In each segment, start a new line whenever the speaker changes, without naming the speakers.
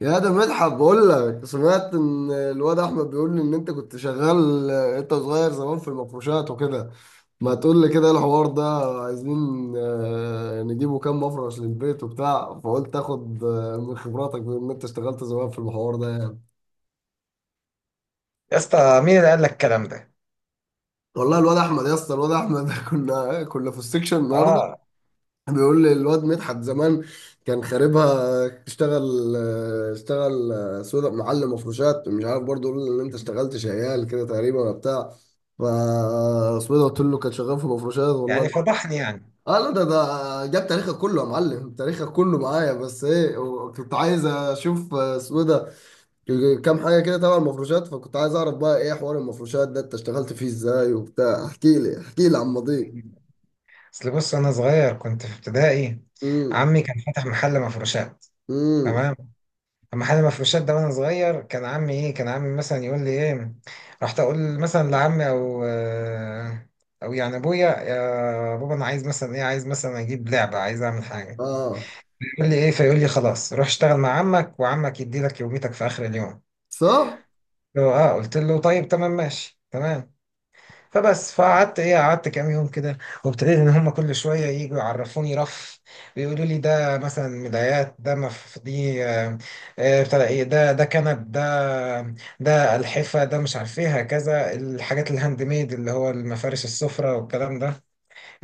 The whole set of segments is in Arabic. يا ده مدحت بقول لك سمعت ان الواد احمد بيقول لي ان انت كنت شغال انت صغير زمان في المفروشات وكده. ما تقول لي كده الحوار ده. عايزين نجيبه كام مفرش للبيت وبتاع، فقلت اخد من خبراتك بما ان انت اشتغلت زمان في الحوار ده يعني.
يا اسطى، مين اللي قال لك الكلام ده؟
والله الواد احمد يا اسطى الواد احمد كنا في السكشن النهارده.
اه
بيقول لي الواد مدحت زمان كان خاربها، اشتغل اشتغل سودا معلم مفروشات، مش عارف برضه يقول لي ان انت اشتغلت شيال كده تقريبا ولا بتاع. ف اسمه إيه ده، قلت له كان شغال في مفروشات والله.
يعني فضحني يعني.
اه لا، ده جاب تاريخك كله يا معلم، تاريخك كله معايا، بس ايه، كنت عايز اشوف اسمه إيه ده، كام حاجه كده تبع المفروشات، فكنت عايز اعرف بقى ايه حوار المفروشات ده، انت اشتغلت فيه ازاي وبتاع، احكي لي احكي لي عن ماضيك.
اصل بص، انا صغير كنت في ابتدائي.
امم
عمي كان فاتح محل مفروشات.
امم
تمام. محل مفروشات ده وانا صغير، كان عمي مثلا يقول لي ايه. رحت اقول مثلا لعمي او او يعني ابويا، يا بابا انا عايز مثلا ايه، عايز مثلا اجيب لعبه، عايز اعمل حاجه.
اه.
يقول لي ايه فيقول لي خلاص، روح اشتغل مع عمك وعمك يدي لك يوميتك في اخر اليوم.
صح.
قلت له طيب، تمام، ماشي، تمام. فبس فقعدت ايه قعدت كام يوم كده. وابتديت ان هم كل شويه يجوا يعرفوني رف، ويقولوا لي ده مثلا ملايات، ده مف دي آه، بتاع ايه ده، ده كنب، ده الحفه، ده مش عارف ايه، هكذا الحاجات، الهاند ميد اللي هو المفارش، السفره والكلام ده.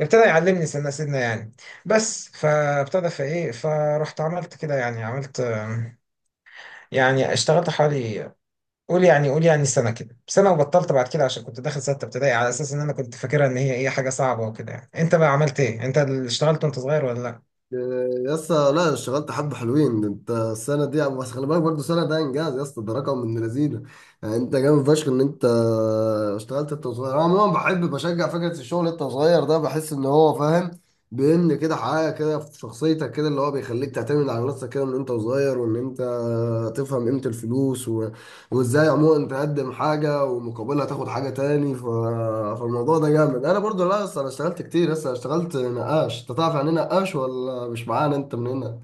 ابتدى يعلمني سنه سنه يعني. بس فابتدى فايه فرحت عملت كده يعني، عملت يعني اشتغلت حوالي، قول يعني سنة كده، سنة وبطلت بعد كده عشان كنت داخل ستة ابتدائي، على أساس إن أنا كنت فاكرها إن هي إيه، حاجة صعبة وكده يعني. أنت بقى عملت إيه؟ أنت اللي اشتغلت وأنت صغير ولا لأ؟
يا اسطى لا، اشتغلت حبة حلوين، ده انت السنة دي بس خلي بالك برضه السنة ده انجاز يا اسطى، ده رقم من لذينه. يعني انت جامد فشخ ان انت اشتغلت انت وصغير. انا عموما بحب بشجع فكرة الشغل انت وصغير ده، بحس ان هو فاهم بيبني كده حاجة كده في شخصيتك، كده اللي هو بيخليك تعتمد على نفسك كده من انت وصغير، وان انت تفهم قيمة الفلوس، وازاي عموما تقدم حاجه ومقابلها تاخد حاجه تاني ف... فالموضوع ده جامد. انا برضو، لا اصل انا اشتغلت كتير لسه، اشتغلت نقاش. انت تعرف يعني ايه نقاش ولا مش معانا انت من هنا؟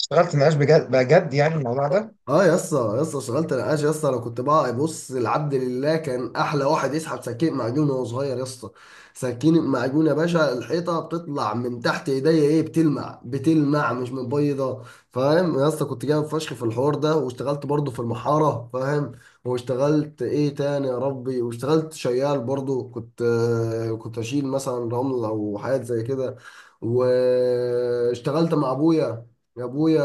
اشتغلت نقاش بجد بجد يعني الموضوع ده؟
اه يا اسطى، يا اسطى اشتغلت نقاش يا اسطى. انا كنت بقى، بص العبد لله كان احلى واحد يسحب سكين معجون وهو صغير يا اسطى. سكين معجون يا باشا، الحيطه بتطلع من تحت ايديا ايه، بتلمع بتلمع مش مبيضه. فاهم يا اسطى، كنت جامد فشخ في الحوار ده. واشتغلت برضه في المحاره، فاهم. واشتغلت ايه تاني يا ربي، واشتغلت شيال برضه، كنت كنت اشيل مثلا رمل او حاجات زي كده. واشتغلت مع ابويا، يا ابويا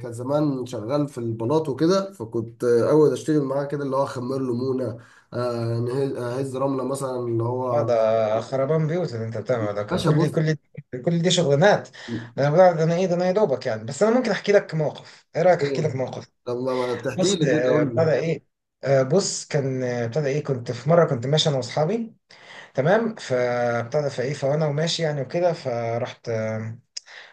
كان زمان شغال في البلاط وكده، فكنت اول اشتغل معاه كده اللي هو اخمر له مونه، اهز رمله مثلا اللي
اه،
هو.
ده خربان بيوت اللي انت بتعمله ده،
باشا
كل
بص.
كل كل دي شغلانات. ده انا يا دوبك يعني. بس انا ممكن احكي لك موقف، ايه رايك احكي
إيه؟
لك موقف؟
طب ما تحكي
بص،
لي كده،
آه،
قول
ابتدى
لي.
ايه آه، بص كان آه، ابتدى ايه كنت في مره كنت ماشي انا واصحابي، تمام. فابتدى فايه فانا وماشي يعني وكده، فرحت آه،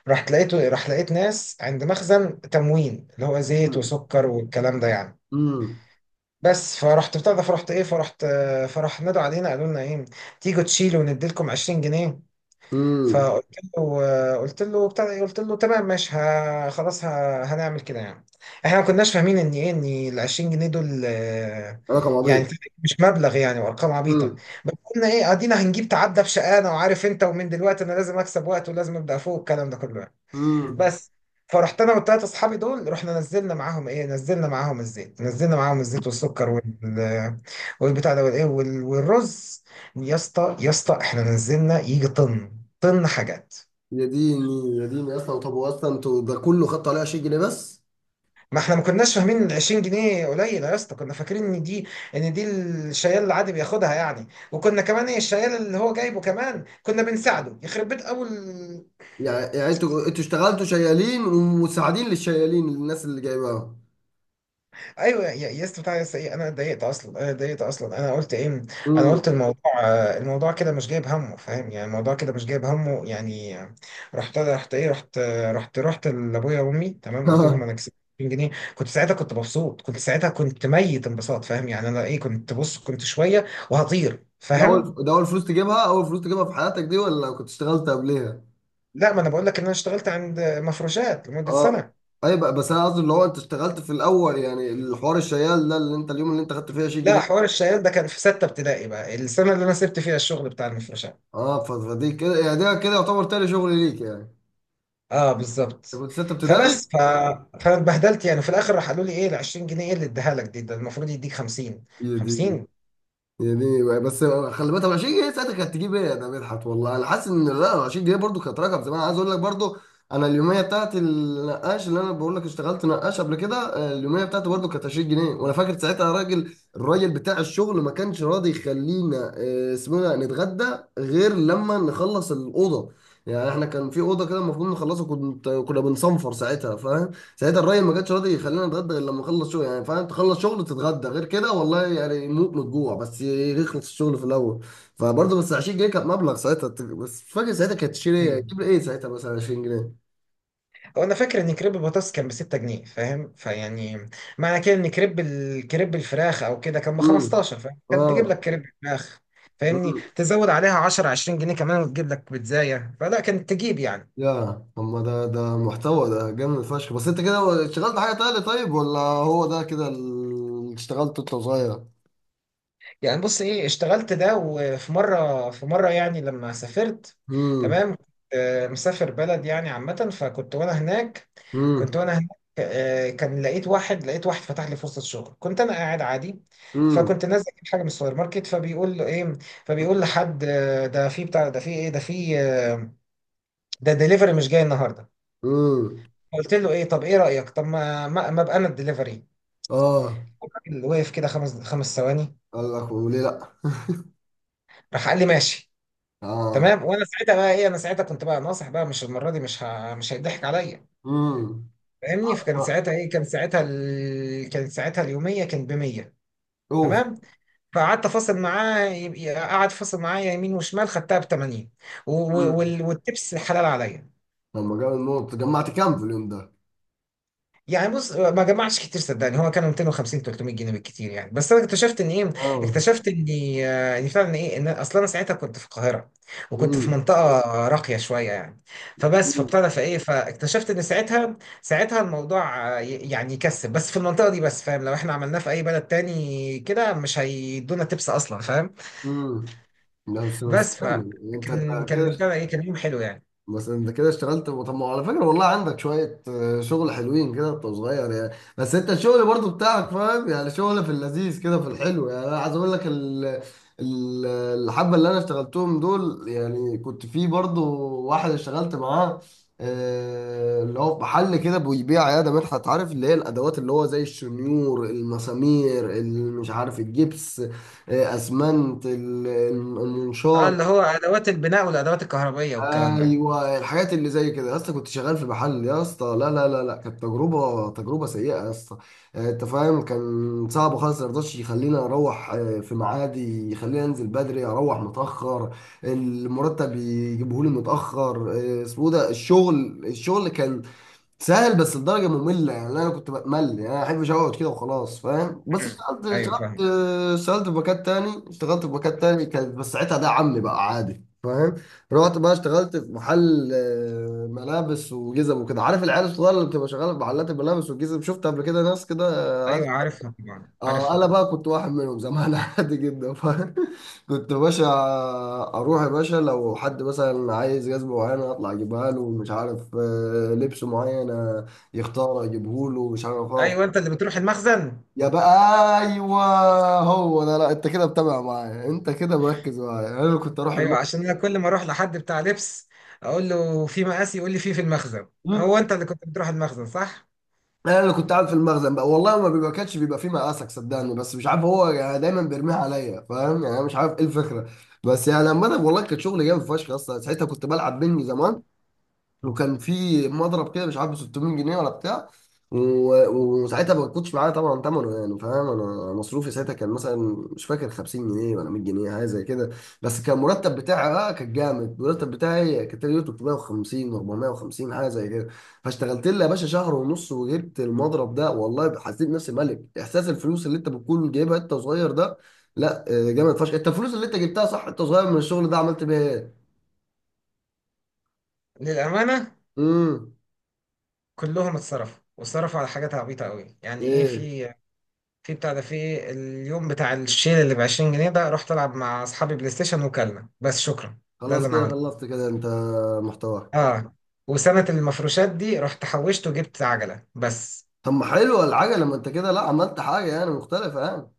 رحت لقيته راح لقيت ناس عند مخزن تموين اللي هو زيت وسكر والكلام ده يعني.
امم
بس فرحت بتاع ده فرحت ايه فرحت آه، فراح نادوا علينا، قالوا لنا ايه، تيجوا تشيلوا ونديلكم 20 جنيه.
امم
فقلت له آه، قلت له بتاع ده إيه، قلت له تمام ماشي، خلاص، هنعمل كده يعني. احنا ما كناش فاهمين ان ال 20 جنيه دول
رقم
يعني
عبيط.
مش مبلغ يعني، وارقام عبيطه.
امم
بس قلنا ايه، ادينا هنجيب، تعدى بشقانا، وعارف انت، ومن دلوقتي انا لازم اكسب وقت ولازم ابدا فوق الكلام ده كله يعني.
امم
بس، فرحت انا والتلات اصحابي دول، رحنا نزلنا معاهم ايه نزلنا معاهم الزيت، نزلنا معاهم الزيت والسكر وال والبتاع ده والايه وال- والرز. يا اسطى احنا نزلنا يجي طن، طن حاجات.
يا ديني يا ديني، اصلا طب هو اصلا انتوا ده كله خدتوا عليه 20 جنيه بس؟
ما احنا ما كناش فاهمين ال 20 جنيه قليله يا اسطى، كنا فاكرين ان دي الشيال العادي بياخدها يعني، وكنا كمان ايه، الشيال اللي هو جايبه كمان كنا بنساعده يخرب بيت اول.
يعني يعني انتوا انتوا اشتغلتوا شيالين ومساعدين للشيالين للناس اللي جايباهم.
ايوه يا اسطى، بتاع يا اسطى ايه انا اتضايقت اصلا، انا اتضايقت اصلا، انا قلت ايه، انا
امم
قلت الموضوع الموضوع كده مش جايب همه، فاهم يعني، الموضوع كده مش جايب همه يعني. آه، رحت رحت ايه رحت آه، رحت رحت لابويا وامي، تمام، قلت لهم انا كسبت 2000 جنيه. كنت ساعتها كنت مبسوط، كنت ساعتها كنت ميت انبساط، فاهم يعني، انا ايه كنت، بص كنت شويه وهطير
ده
فاهم.
اول، ده اول فلوس تجيبها، اول فلوس تجيبها في حياتك دي ولا لو كنت اشتغلت قبليها؟
لا ما انا بقول لك ان انا اشتغلت عند مفروشات لمده
اه.
سنه.
اي بقى، بس انا قصدي اللي هو انت اشتغلت في الاول، يعني الحوار الشيال ده اللي انت اليوم اللي انت خدت فيه 20
لا،
جنيه
حوار الشيال ده كان في سته ابتدائي، بقى السنه اللي انا سبت فيها الشغل بتاع المفروشات.
اه، فدي كده يعني، ده كده يعتبر تاني شغل ليك يعني.
اه
انت
بالظبط.
كنت ستة ابتدائي.
فبس ف... فاتبهدلت يعني، في الاخر راح قالوا لي ايه، ال 20 جنيه ايه اللي اديها لك دي؟ ده المفروض يديك 50،
يا دي.
50.
يعني بس خلي بالك، طب 20 جنيه ساعتها كانت تجيب ايه ده مدحت؟ والله انا حاسس ان لا، 20 جنيه برضو كانت رقم زمان عايز اقول لك برضو. انا اليوميه بتاعت النقاش اللي انا بقول لك اشتغلت نقاش قبل كده، اليوميه بتاعتي برضو كانت 20 جنيه. وانا فاكر ساعتها راجل، الراجل بتاع الشغل ما كانش راضي يخلينا اسمه إيه ده، نتغدى غير لما نخلص الاوضه. يعني احنا كان في اوضه كده المفروض نخلصها، كنت كنا بنصنفر ساعتها. ساعتها الراجل ما كانش راضي يخلينا نتغدى غير لما اخلص شغل، يعني فاهم، تخلص شغل تتغدى غير كده والله، يعني نموت من الجوع بس يخلص الشغل في الاول. فبرضه بس 20 جنيه كان مبلغ ساعتها. بس مش فاكر ساعتها كانت تشيل ايه،
مم.
تجيب لي ايه ساعتها مثلا 20 جنيه.
هو انا فاكر ان كريب البطاطس كان ب 6 جنيه، فاهم، فيعني معنى كده ان كريب كريب الفراخ او كده كان ب
امم
15، فاهم، كانت تجيب
اه.
لك كريب الفراخ، فاهمني،
امم
تزود عليها 10، 20 جنيه كمان وتجيب لك بيتزايه، فلا كانت تجيب يعني.
يا اما، ده محتوى، ده جامد فشخ. بس انت كده اشتغلت حاجه تانية طيب، ولا هو ده كده اللي اشتغلته انت صغير؟
يعني بص ايه، اشتغلت ده، وفي مره، في مره يعني لما سافرت،
امم
تمام، كنت، آه، مسافر بلد يعني، عامه، فكنت وانا هناك، كنت
امم
وانا هناك آه، كان لقيت واحد، لقيت واحد فتح لي فرصه شغل. كنت انا قاعد عادي،
امم
فكنت نازل اجيب حاجه من السوبر ماركت، فبيقول له ايه فبيقول لحد آه، ده في بتاع ده في ايه ده في آه، ده دليفري مش جاي النهارده.
امم
قلت له ايه، طب ايه رايك، طب ما ابقى انا الدليفري.
اه.
الراجل وقف كده خمس خمس ثواني،
قال لك وليه لا.
راح قال لي ماشي،
اه.
تمام. وانا ساعتها بقى ايه، انا ساعتها كنت بقى ناصح، بقى مش المره دي، مش مش هيضحك عليا،
امم
فاهمني. فكان ساعتها ايه، كان ساعتها كان ساعتها اليوميه كان ب 100.
اوف.
تمام. فقعدت فاصل معاه، قعد فاصل معايا يمين وشمال، خدتها ب 80.
مم.
والتبس حلال عليا.
لما جاب النقط، جمعت كام في اليوم ده؟
يعني بص ما جمعش كتير، صدقني هو كان 250، 300 جنيه بالكتير يعني. بس انا اكتشفت ان ايه،
اه.
اكتشفت اني ان فعلا ايه، ان اصلا انا ساعتها كنت في القاهره، وكنت في
امم
منطقه راقيه شويه يعني. فبس
امم
فابتدى فايه فاكتشفت ان ساعتها، ساعتها الموضوع يعني يكسب بس في المنطقه دي بس، فاهم، لو احنا عملناه في اي بلد تاني كده مش هيدونا تبس اصلا، فاهم.
امم لا بس بس
بس
كمل. انت،
فكان
أنت
كان
كده،
بتاع ده ايه، كان يوم حلو يعني.
بس انت كده اشتغلت. طب ما هو على فكره والله عندك شويه شغل حلوين كده وانت صغير يعني. بس انت الشغل برضو بتاعك فاهم يعني، شغل في اللذيذ كده في الحلو. يعني انا عايز اقول لك ال- الحبه اللي انا اشتغلتهم دول، يعني كنت في برضو واحد اشتغلت معاه، اللي هو في محل كده بيبيع عياده، مدحت عارف اللي هي الادوات اللي هو زي الشنيور، المسامير، اللي مش عارف الجبس، اسمنت،
اه
المنشار.
اللي هو ادوات البناء والادوات الكهربائيه والكلام ده.
ايوه، الحاجات اللي زي كده يا اسطى، كنت شغال في محل يا اسطى. لا لا لا لا، كانت تجربه، تجربه سيئه يا اسطى. انت فاهم، كان صعب خالص، ما رضاش يخليني اروح في ميعادي، يخليني انزل بدري اروح متاخر، المرتب يجيبه لي متاخر، اسمه إيه ده. الشغل الشغل كان سهل بس لدرجه ممله يعني، انا كنت بمل، يعني انا ما احبش اقعد كده وخلاص فاهم. بس
مم.
اشتغلت،
ايوه
اشتغلت
فاهم.
اشتغلت في مكان تاني، اشتغلت في مكان تاني كانت، بس ساعتها ده عمي بقى عادي فاهم. رحت بقى اشتغلت في محل ملابس وجزم وكده، عارف العيال الصغيره اللي بتبقى شغاله في محلات الملابس والجزم، شفت قبل كده ناس كده.
ايوه عارفها طبعا،
اه،
عارفها
انا
طبعا.
بقى كنت واحد منهم زمان عادي جدا. ف كنت يا باشا، اروح يا باشا لو حد مثلا عايز جزمه معينه اطلع اجيبها له، مش عارف لبس معين يختار اجيبه له، مش عارف اقف.
ايوه، انت اللي بتروح المخزن.
يا بقى. ايوه. هو ده، لا انت كده متابع معايا، انت كده مركز معايا. انا اللي كنت اروح
ايوه عشان
المطعم،
انا كل ما اروح لحد بتاع لبس اقول له في مقاسي، يقول لي في المخزن. هو انت اللي كنت بتروح المخزن صح؟
انا اللي كنت قاعد في المخزن بقى والله. ما بيبقى، كانش بيبقى فيه مقاسك صدقني، بس مش عارف هو يعني دايما بيرميها عليا، فاهم يعني، أنا مش عارف ايه الفكره. بس يعني عامه والله كان شغل جامد فشخ. اصلا ساعتها كنت بلعب بينج زمان، وكان في مضرب كده مش عارف ب 600 جنيه ولا بتاع، وساعتها ما كنتش معايا طبعا ثمنه يعني فاهم. انا مصروفي ساعتها كان مثلا، مش فاكر، 50 جنيه ولا 100 جنيه حاجه زي كده. بس كان المرتب بتاعي بقى كان جامد، المرتب بتاعي كان تقريبا 350، 450 حاجه زي كده. فاشتغلت لي يا باشا شهر ونص وجبت المضرب ده والله، حسيت نفسي ملك. احساس الفلوس اللي انت بتكون جايبها انت صغير ده، لا جامد فشخ. انت الفلوس اللي انت جبتها صح انت صغير من الشغل ده عملت بيها ايه؟
للامانه،
امم
كلهم اتصرفوا، واتصرفوا على حاجات عبيطه قوي يعني. ايه
ايه.
في، في بتاع ده، في اليوم بتاع الشيل اللي ب 20 جنيه ده رحت العب مع اصحابي بلاي ستيشن وكلنا، بس شكرا. ده اللي
خلاص
انا
كده،
عملته.
خلصت كده انت محتوى.
اه، وسنه المفروشات دي رحت حوشت وجبت عجله بس.
طب ما حلوه العجله، لما انت كده لا عملت حاجه يعني مختلفه يعني.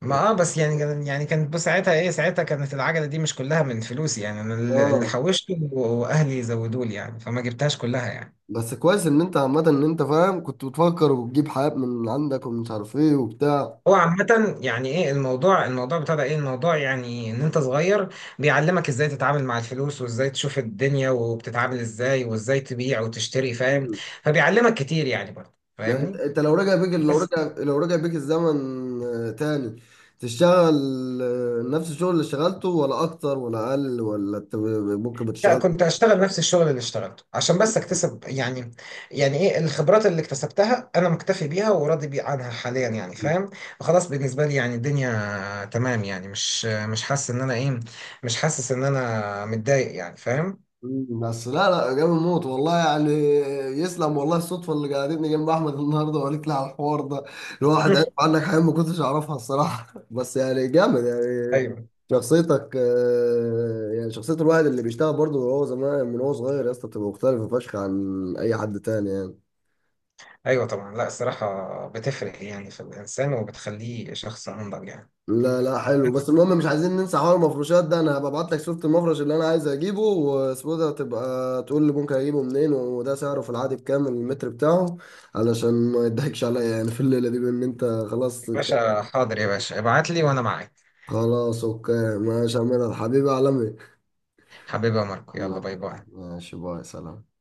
ما اه بس يعني يعني كانت، بص ساعتها ايه، ساعتها كانت العجله دي مش كلها من فلوسي يعني، انا اللي
اه.
حوشته واهلي زودوا لي يعني، فما جبتهاش كلها يعني.
بس كويس ان انت عامه ان انت فاهم، كنت بتفكر وتجيب حاجات من عندك ومش عارف ايه وبتاع.
هو عامة يعني ايه الموضوع، الموضوع بتاع ده، ايه الموضوع يعني، ان انت صغير بيعلمك ازاي تتعامل مع الفلوس، وازاي تشوف الدنيا وبتتعامل ازاي، وازاي تبيع وتشتري، فاهم،
مم.
فبيعلمك كتير يعني برضه
لا انت،
فاهمني.
انت لو رجع بيك، لو
بس،
رجع، لو رجع بيك الزمن تاني، تشتغل نفس الشغل اللي اشتغلته، ولا اكتر ولا اقل، ولا انت ممكن
لا
بتشتغل؟
كنت اشتغل نفس الشغل اللي اشتغلته عشان بس اكتسب يعني، يعني ايه، الخبرات اللي اكتسبتها انا مكتفي بيها وراضي بي عنها حاليا يعني فاهم. خلاص، بالنسبه لي يعني الدنيا تمام يعني، مش حاسس ان انا ايه، مش حاسس ان انا متضايق يعني فاهم.
مم. بس لا لا، جامد موت والله يعني. يسلم والله الصدفه اللي قعدتني جنب احمد النهارده وقالت لي على الحوار ده. الواحد عارف
مم.
عنك حاجات ما كنتش اعرفها الصراحه بس يعني جامد يعني.
ايوه.
شخصيتك يعني شخصيه الواحد اللي بيشتغل برضه وهو زمان من هو صغير يا اسطى بتبقى مختلفه فشخ عن اي حد تاني يعني.
ايوه طبعا. لا الصراحه بتفرق يعني في الانسان وبتخليه شخص انضج يعني.
لا لا، حلو. بس المهم مش عايزين ننسى حوار المفروشات ده، انا هبعت لك صورة المفرش اللي انا عايز اجيبه واسمه ده، تبقى تقول لي ممكن اجيبه منين وده سعره في العادي بكام المتر بتاعه، علشان ما يضحكش عليا يعني في الليلة دي بان انت. خلاص.
يا باشا حاضر يا باشا، ابعت لي وانا معاك.
خلاص اوكي ماشي يا مدحت حبيبي عالمي.
حبيبي يا ماركو، يلا، باي باي.
ماشي، باي، سلام.